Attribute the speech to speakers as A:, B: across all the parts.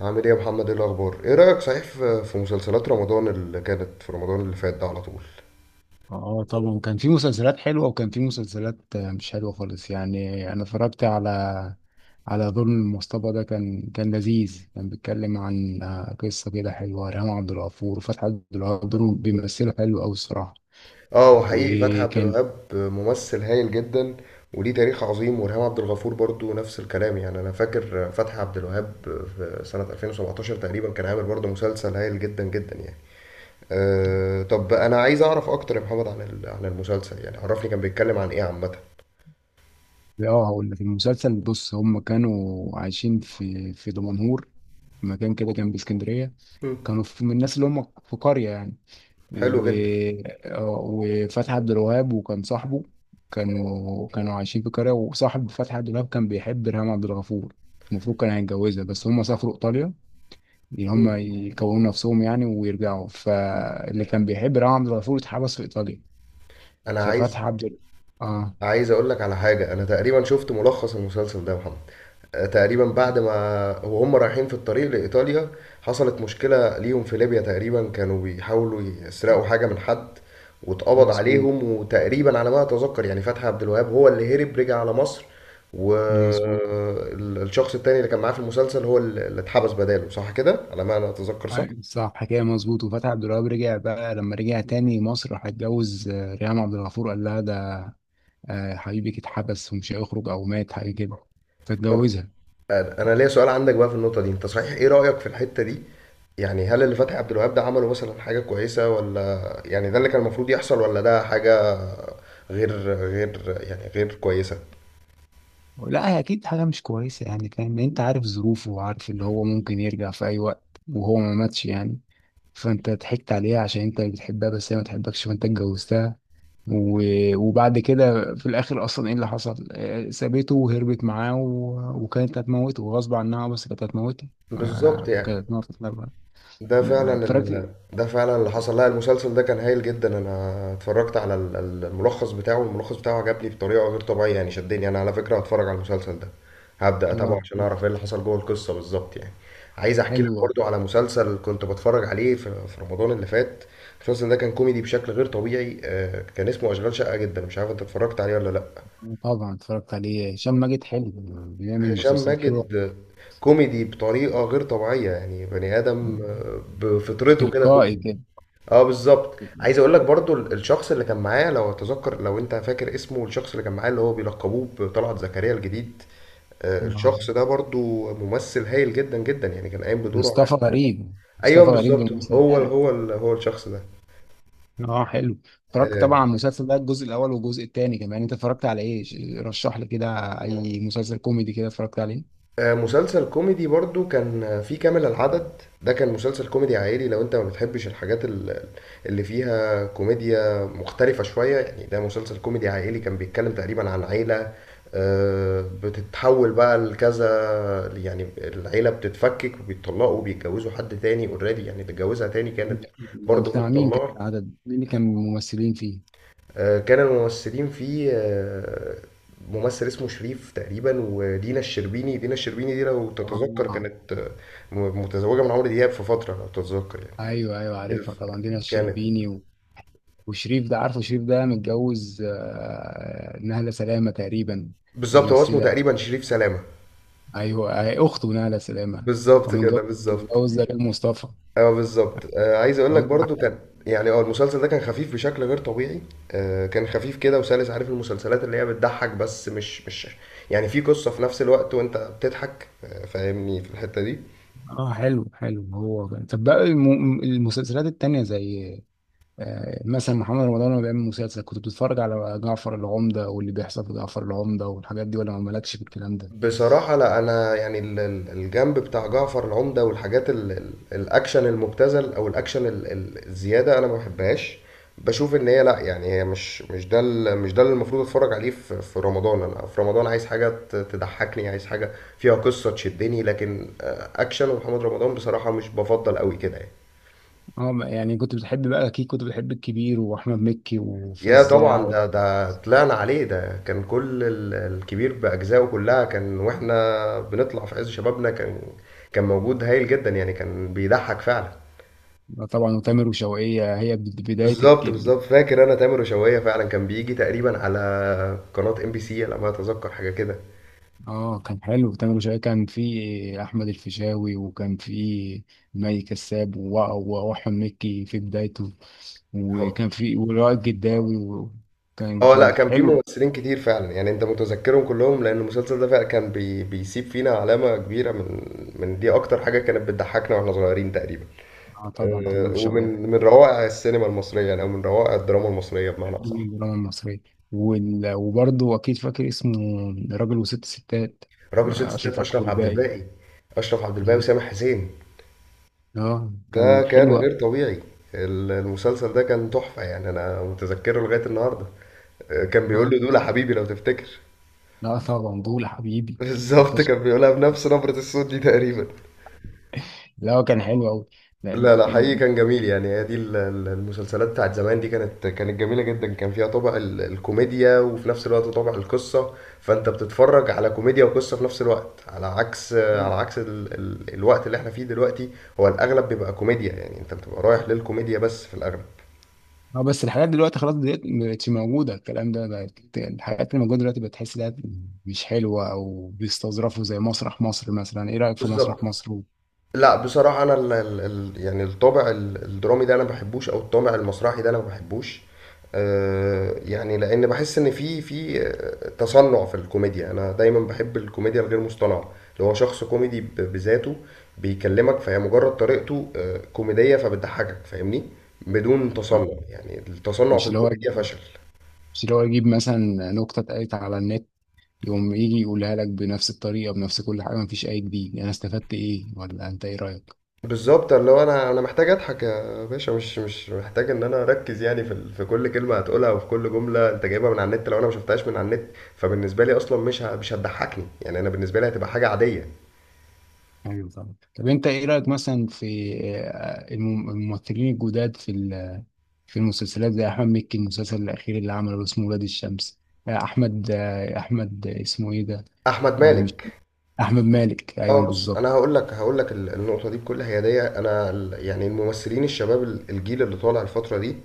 A: عامل ايه يا محمد؟ ايه الاخبار؟ ايه رايك صحيح في مسلسلات رمضان اللي كانت في رمضان اللي فات ده على طول؟
B: اه، طبعا كان في مسلسلات حلوة، وكان في مسلسلات مش حلوة خالص. يعني انا اتفرجت على ظلم المصطبة. ده كان لذيذ. كان بيتكلم عن قصة كده حلوة. ريهام عبد الغفور وفتحي عبد الغفور بيمثلوا حلو أوي الصراحة.
A: اه، وحقيقي فتحي عبد
B: وكان
A: الوهاب ممثل هايل جدا وليه تاريخ عظيم، وريهام عبد الغفور برضو نفس الكلام، يعني انا فاكر فتحي عبد الوهاب في سنه 2017 تقريبا كان عامل برضو مسلسل هايل جدا جدا يعني. أه، طب انا عايز اعرف اكتر يا محمد عن عن المسلسل، يعني عرفني كان بيتكلم عن ايه عامه.
B: اه هقول لك المسلسل. بص، هم كانوا عايشين في دمنهور، مكان كده جنب اسكندرية.
A: مم.
B: كانوا في من الناس اللي هم في قرية يعني
A: حلو
B: و...
A: جدا.
B: آه، وفتحي عبد الوهاب وكان صاحبه. كانوا عايشين في قرية، وصاحب فتحي عبد الوهاب كان بيحب ريهام عبد الغفور. المفروض كان هيتجوزها، بس هم سافروا إيطاليا، إن هم
A: مم.
B: يكونوا نفسهم يعني ويرجعوا. فاللي كان بيحب ريهام عبد الغفور اتحبس في إيطاليا.
A: انا عايز
B: ففتحي عبد ال- اه
A: عايز اقول لك على حاجه، انا تقريبا شفت ملخص المسلسل ده يا محمد. تقريبا بعد ما وهم رايحين في الطريق لإيطاليا حصلت مشكلة ليهم في ليبيا، تقريبا كانوا بيحاولوا يسرقوا حاجة من حد، واتقبض
B: مظبوط.
A: عليهم، وتقريبا على ما أتذكر يعني فتحي عبد الوهاب هو اللي هرب رجع على مصر.
B: مظبوط.
A: والشخص التاني اللي كان معاه في المسلسل هو اللي اتحبس بداله، صح كده على ما أنا أتذكر؟ صح.
B: أيوة، صح، حكاية مظبوط. وفتحي عبد الوهاب رجع بقى. لما رجع تاني مصر راح اتجوز ريهام عبد الغفور، قال لها حبيبك اتحبس ومش هيخرج او مات حاجه كده،
A: طب
B: فتجوزها.
A: أنا ليا سؤال عندك بقى في النقطة دي، أنت صحيح إيه رأيك في الحتة دي؟ يعني هل اللي فتحي عبد الوهاب ده عمله مثلا حاجة كويسة، ولا يعني ده اللي كان المفروض يحصل، ولا ده حاجة غير يعني غير كويسة؟
B: لا، هي اكيد حاجه مش كويسه يعني، فاهم؟ لأن انت عارف ظروفه، وعارف اللي هو ممكن يرجع في اي وقت وهو ما ماتش يعني. فانت ضحكت عليها عشان انت بتحبها بس هي ما تحبكش، فانت اتجوزتها. وبعد كده في الاخر اصلا ايه اللي حصل؟ سابته وهربت معاه، وكانت هتموته غصب عنها. بس كانت هتموته.
A: بالظبط يعني.
B: كانت هتموته. اتفرجت.
A: ده فعلا اللي حصل. لا، المسلسل ده كان هايل جدا، انا اتفرجت على الملخص بتاعه، الملخص بتاعه عجبني بطريقة غير طبيعية يعني، شدني، انا على فكرة هتفرج على المسلسل ده، هبدأ اتابعه
B: اه،
A: عشان اعرف ايه اللي حصل جوه القصة بالظبط يعني. عايز احكي لك
B: حلو.
A: برضو على مسلسل كنت بتفرج عليه في رمضان اللي فات. المسلسل ده كان كوميدي بشكل غير طبيعي، كان اسمه اشغال شقة جدا، مش عارف انت اتفرجت عليه ولا لا.
B: طبعا اتفرجت عليه. هشام ماجد حلو، بيعمل
A: هشام
B: مسلسلات حلوة.
A: ماجد كوميدي بطريقة غير طبيعية، يعني بني آدم
B: مم.
A: بفطرته كده
B: تلقائي
A: كوميدي.
B: كده.
A: اه بالظبط. عايز اقول لك برضو الشخص اللي كان معاه، لو اتذكر لو انت فاكر اسمه، الشخص اللي كان معاه اللي هو بيلقبوه بطلعت زكريا الجديد،
B: آه.
A: الشخص ده برضو ممثل هايل جدا جدا يعني، كان قايم بدوره على...
B: مصطفى غريب،
A: ايوه
B: مصطفى غريب
A: بالظبط،
B: بالممثل
A: هو
B: ده.
A: هو الشخص ده.
B: اه، حلو. اتفرجت
A: آه،
B: طبعا على المسلسل ده، الجزء الاول والجزء الثاني كمان. انت اتفرجت على ايه؟ رشح لي كده اي مسلسل كوميدي كده اتفرجت عليه.
A: مسلسل كوميدي برضو كان في كامل العدد. ده كان مسلسل كوميدي عائلي لو انت ما بتحبش الحاجات اللي فيها كوميديا مختلفة شوية يعني. ده مسلسل كوميدي عائلي، كان بيتكلم تقريبا عن عيلة بتتحول بقى لكذا، يعني العيلة بتتفكك، وبيتطلقوا وبيتجوزوا حد تاني اوريدي، يعني اللي اتجوزها تاني كانت
B: لا. ده
A: برضو
B: بتاع مين؟ كان
A: متطلقة.
B: العدد مين اللي كان ممثلين فيه؟
A: كان الممثلين فيه ممثل اسمه شريف تقريبا، ودينا الشربيني. دينا الشربيني دي لو تتذكر
B: اه،
A: كانت متزوجة من عمرو دياب في فترة لو تتذكر يعني.
B: ايوه ايوه، عارفها
A: الف-
B: طبعا دينا
A: كانت
B: الشربيني وشريف ده عارفه. شريف ده متجوز نهلة سلامة تقريبا،
A: بالظبط، هو اسمه
B: ممثلة.
A: تقريبا شريف سلامة.
B: ايوه، هي اخته ناله سلامه. هو
A: بالظبط
B: متجوز،
A: كده بالظبط.
B: دلال مصطفى.
A: اه بالظبط. عايز اقول لك
B: مم.
A: برضو كان يعني اه، المسلسل ده كان خفيف بشكل غير طبيعي، كان خفيف كده وسلس. عارف المسلسلات اللي هي بتضحك بس مش يعني في قصة في نفس الوقت، وانت بتضحك، فاهمني في الحتة دي.
B: اه، حلو حلو هو بقى. طب بقى المسلسلات التانية زي مثلا محمد رمضان لما بيعمل مسلسل، كنت بتتفرج على جعفر العمدة واللي بيحصل في جعفر العمدة والحاجات دي، ولا ما مالكش في الكلام ده؟
A: بصراحة لا، أنا يعني الجنب بتاع جعفر العمدة والحاجات الأكشن المبتذل، أو الأكشن الزيادة، أنا ما بحبهاش. بشوف إن هي لا، يعني هي مش ده مش ده اللي المفروض أتفرج عليه في في رمضان. أنا في رمضان عايز حاجة تضحكني، عايز حاجة فيها قصة تشدني، لكن أكشن ومحمد رمضان بصراحة مش بفضل قوي كده يعني.
B: اه بقى، يعني كنت بتحب بقى، اكيد كنت بتحب الكبير واحمد مكي
A: يا طبعا،
B: وفزاع
A: ده طلعنا عليه. ده كان كل الكبير بأجزائه كلها، كان واحنا بنطلع في عز شبابنا، كان كان موجود هايل جدا يعني، كان بيضحك فعلا.
B: طبعا وتامر وشوقية. هي بداية.
A: بالظبط بالظبط. فاكر انا تامر وشوقية فعلا كان بيجي تقريبا على قناة ام بي سي على ما اتذكر، حاجة كده.
B: اه، كان حلو تامر وشقيقة. كان في احمد الفيشاوي، وكان في مي كساب واحمد مكي في بدايته،
A: هو-
B: وكان في ولائد جداوي، وكان
A: اه لا،
B: كان
A: كان في
B: حلو.
A: ممثلين كتير فعلا، يعني انت متذكرهم كلهم لان المسلسل ده فعلا كان بيسيب فينا علامة كبيرة من من، دي اكتر حاجة كانت بتضحكنا واحنا صغيرين تقريبا.
B: اه طبعا، تامر وشقيقة
A: ومن من
B: كان
A: روائع السينما المصريه، يعني او من روائع الدراما المصريه بمعنى
B: حلو
A: اصح.
B: من الدراما المصرية. وبرضه اكيد فاكر اسمه راجل وست ستات،
A: راجل ست ستات،
B: اشرف عبد
A: اشرف عبد
B: الباقي.
A: الباقي. اشرف عبد الباقي وسامح حسين.
B: اه،
A: ده
B: كان
A: كان
B: حلو أوي.
A: غير طبيعي. المسلسل ده كان تحفه يعني، انا متذكره لغايه النهارده. كان بيقول
B: اه،
A: له دول يا حبيبي لو تفتكر
B: لا طبعا دول حبيبي.
A: بالظبط،
B: يخص.
A: كان بيقولها بنفس نبره الصوت دي تقريبا.
B: لا، كان حلو قوي.
A: لا لا، حقيقي كان جميل يعني. هي دي المسلسلات بتاعت زمان دي، كانت كانت جميلة جدا، كان فيها طابع الكوميديا وفي نفس الوقت طابع القصة، فانت بتتفرج على كوميديا وقصة في نفس الوقت، على عكس على عكس ال ال الوقت اللي احنا فيه دلوقتي، هو الاغلب بيبقى كوميديا، يعني انت بتبقى رايح للكوميديا بس في الاغلب.
B: اه، بس الحاجات دلوقتي خلاص، دلوقتي مبقتش موجودة الكلام ده. بقت الحاجات اللي موجودة دلوقتي بتحس انها مش حلوة، او بيستظرفوا زي مسرح مصر مثلا. ايه رأيك في مسرح
A: بالظبط.
B: مصر؟
A: لا بصراحة أنا ال ال ال يعني الطابع الدرامي ده أنا ما بحبوش، أو الطابع المسرحي ده أنا ما بحبوش. يعني لأن بحس إن في تصنع في الكوميديا. أنا دايما بحب الكوميديا الغير مصطنعة، اللي هو شخص كوميدي بذاته بيكلمك، فهي مجرد طريقته كوميدية فبتضحكك، فاهمني؟ بدون تصنع،
B: آه،
A: يعني التصنع
B: مش
A: في
B: اللي هو
A: الكوميديا فشل.
B: مش اللي هو يجيب مثلا نكتة اتقالت على النت، يقوم يجي يقولها لك بنفس الطريقة بنفس كل حاجة، مفيش اي جديد. يعني انا استفدت ايه؟ ولا انت ايه رأيك؟
A: بالظبط، اللي هو انا محتاج اضحك يا باشا، مش محتاج ان انا اركز يعني في في كل كلمه هتقولها، وفي كل جمله انت جايبها من على النت، لو انا ما شفتهاش من على النت فبالنسبه لي اصلا مش هتضحكني يعني، انا بالنسبه لي هتبقى حاجه عاديه.
B: ايوه طبعا. طب انت ايه رايك مثلا في الممثلين الجداد في المسلسلات زي احمد مكي، المسلسل الاخير اللي عمله اسمه ولاد الشمس؟ احمد اسمه ايه ده؟
A: احمد
B: مش
A: مالك.
B: احمد مالك،
A: اه
B: ايوه
A: بص،
B: بالظبط.
A: انا هقول لك هقول لك النقطه دي بكل هياديه. انا يعني الممثلين الشباب الجيل اللي طالع الفتره دي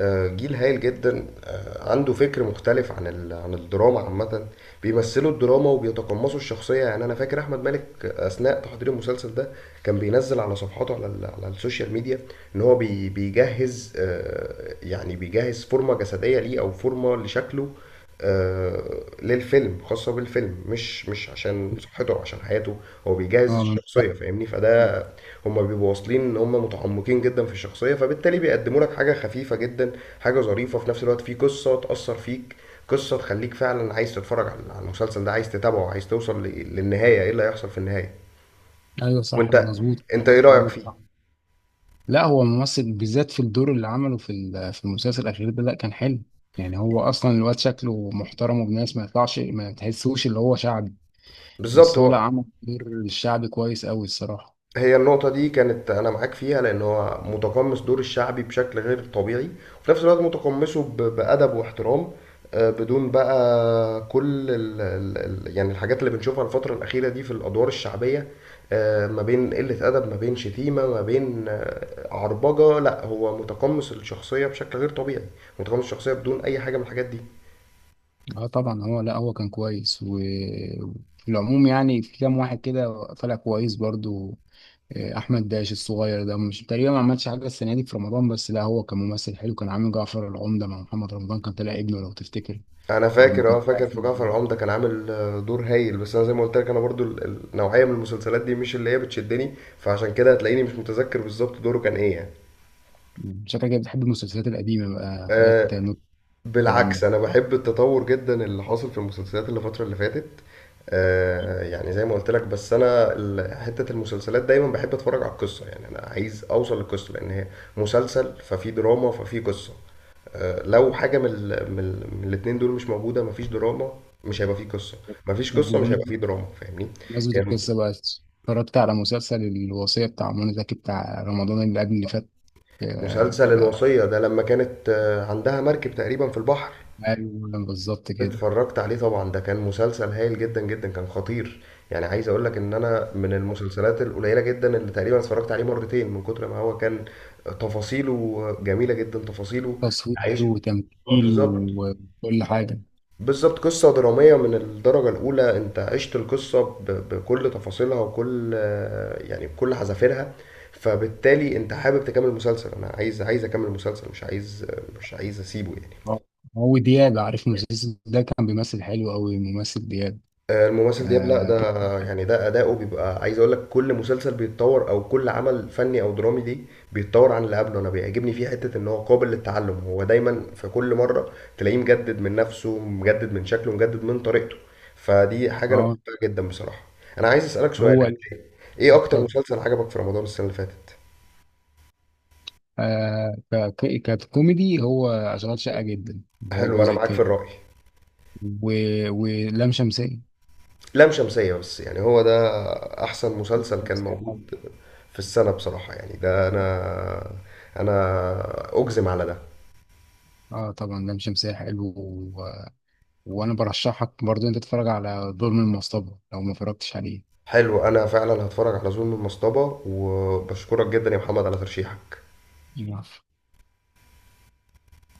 A: جيل هايل جدا، عنده فكر مختلف عن عن الدراما عامه. بيمثلوا الدراما وبيتقمصوا الشخصيه، يعني انا فاكر احمد مالك اثناء تحضير المسلسل ده كان بينزل على صفحاته على على السوشيال ميديا ان هو بيجهز يعني بيجهز فورمه جسديه ليه، او فورمه لشكله، آه، للفيلم خاصة بالفيلم، مش عشان صحته أو عشان حياته، هو بيجهز
B: اه
A: الشخصية، فاهمني؟ فده هما بيبقوا واصلين ان هما متعمقين جدا في الشخصية، فبالتالي بيقدموا لك حاجة خفيفة جدا، حاجة ظريفة في نفس الوقت، في قصة تأثر فيك، قصة تخليك فعلا عايز تتفرج على على المسلسل ده، عايز تتابعه، عايز توصل للنهاية ايه اللي هيحصل في النهاية.
B: ايوه، صح
A: وانت
B: مظبوط.
A: انت ايه رأيك
B: كلامك
A: فيه؟
B: صح. لا، هو ممثل بالذات في الدور اللي عمله في المسلسل الاخير ده، لا كان حلو. يعني هو اصلا الواد شكله محترم وابن ناس، ما يطلعش ما تحسوش اللي هو شعبي.
A: بالظبط
B: بس هو لا،
A: هو.
B: عمل دور الشعبي كويس قوي الصراحة.
A: هي النقطة دي كانت أنا معاك فيها، لأن هو متقمص دور الشعبي بشكل غير طبيعي، وفي نفس الوقت متقمصه بأدب واحترام، بدون بقى كل ال ال ال يعني الحاجات اللي بنشوفها الفترة الأخيرة دي في الأدوار الشعبية، ما بين قلة أدب، ما بين شتيمة، ما بين عربجة. لا، هو متقمص الشخصية بشكل غير طبيعي، متقمص الشخصية بدون أي حاجة من الحاجات دي.
B: اه طبعا، هو لا هو كان كويس. وفي العموم يعني في كام واحد كده طلع كويس برضو. احمد داش الصغير ده مش تقريبا ما عملش حاجة السنة دي في رمضان. بس لا، هو كممثل حلو. كان عامل جعفر العمدة مع محمد رمضان، كان طلع ابنه لو تفتكر
A: انا
B: لما
A: فاكر،
B: كان
A: اه
B: طالع
A: فاكر،
B: في
A: في جعفر
B: رمضان.
A: العمدة كان عامل دور هايل، بس انا زي ما قلت لك، انا برضو النوعية من المسلسلات دي مش اللي هي بتشدني، فعشان كده هتلاقيني مش متذكر بالظبط دوره كان ايه يعني.
B: شكلك كده بتحب المسلسلات القديمة بقى، حاجات
A: أه،
B: نوت الكلام
A: بالعكس،
B: ده.
A: انا بحب التطور جدا اللي حاصل في المسلسلات اللي الفترة اللي فاتت. أه يعني زي ما قلت لك، بس انا حتة المسلسلات دايما بحب اتفرج على القصة، يعني انا عايز اوصل للقصة، لان هي مسلسل ففي دراما ففي قصة، لو حاجه من الاتنين دول مش موجوده، مفيش دراما، مش هيبقى فيه قصه، مفيش
B: طب
A: قصه مش هيبقى
B: بمناسبة،
A: فيه دراما، فاهمني؟ يعني.
B: القصة بقى، اتفرجت على مسلسل الوصية بتاع منى زكي بتاع رمضان اللي قبل اللي فات؟
A: مسلسل
B: آه،
A: الوصيه ده لما كانت عندها مركب تقريبا في البحر.
B: ايوه بالظبط كده.
A: اتفرجت عليه طبعا، ده كان مسلسل هايل جدا جدا، كان خطير يعني. عايز اقول لك ان انا من المسلسلات القليله جدا اللي تقريبا اتفرجت عليه مرتين من كتر ما هو كان تفاصيله جميله جدا.
B: تصوير
A: عايش.
B: وتمثيل
A: بالظبط
B: وكل حاجه.
A: بالظبط. قصة درامية من الدرجة الأولى، أنت عشت القصة بكل تفاصيلها وكل يعني، بكل حذافيرها، فبالتالي أنت حابب تكمل المسلسل. أنا عايز أكمل المسلسل، مش عايز أسيبه يعني.
B: آه. هو دياب، عارف المسلسل ده كان بيمثل حلو قوي ممثل دياب.
A: الممثل دياب، لا
B: اه,
A: ده
B: كان-
A: يعني ده أداؤه بيبقى. عايز أقول لك كل مسلسل بيتطور، أو كل عمل فني أو درامي ليه بيتطور عن اللي قبله، أنا بيعجبني فيه حتة إن هو قابل للتعلم، هو دايما في كل مرة تلاقيه مجدد من نفسه، مجدد من شكله، مجدد من طريقته، فدي حاجة أنا
B: آه
A: بحبها جدا بصراحة. أنا عايز أسألك سؤال،
B: هو ال-
A: إيه أكتر
B: اتفضل.
A: مسلسل عجبك في رمضان السنة اللي فاتت؟
B: ككوميدي هو اشغال شقه جدا جوه
A: حلو، أنا
B: الجزء
A: معاك في
B: التاني.
A: الرأي.
B: و... ولام شمسية.
A: لام شمسية، بس يعني هو ده أحسن
B: لام
A: مسلسل كان
B: شمسية طبعا.
A: موجود في السنة بصراحة، يعني ده أنا أجزم على ده.
B: اه طبعا، لام شمسية حلو. و... وانا برشحك برضو انت تتفرج على ظلم المصطبة لو ما اتفرجتش
A: حلو، أنا فعلا هتفرج على ظلم المصطبة، وبشكرك جدا يا محمد على ترشيحك.
B: عليه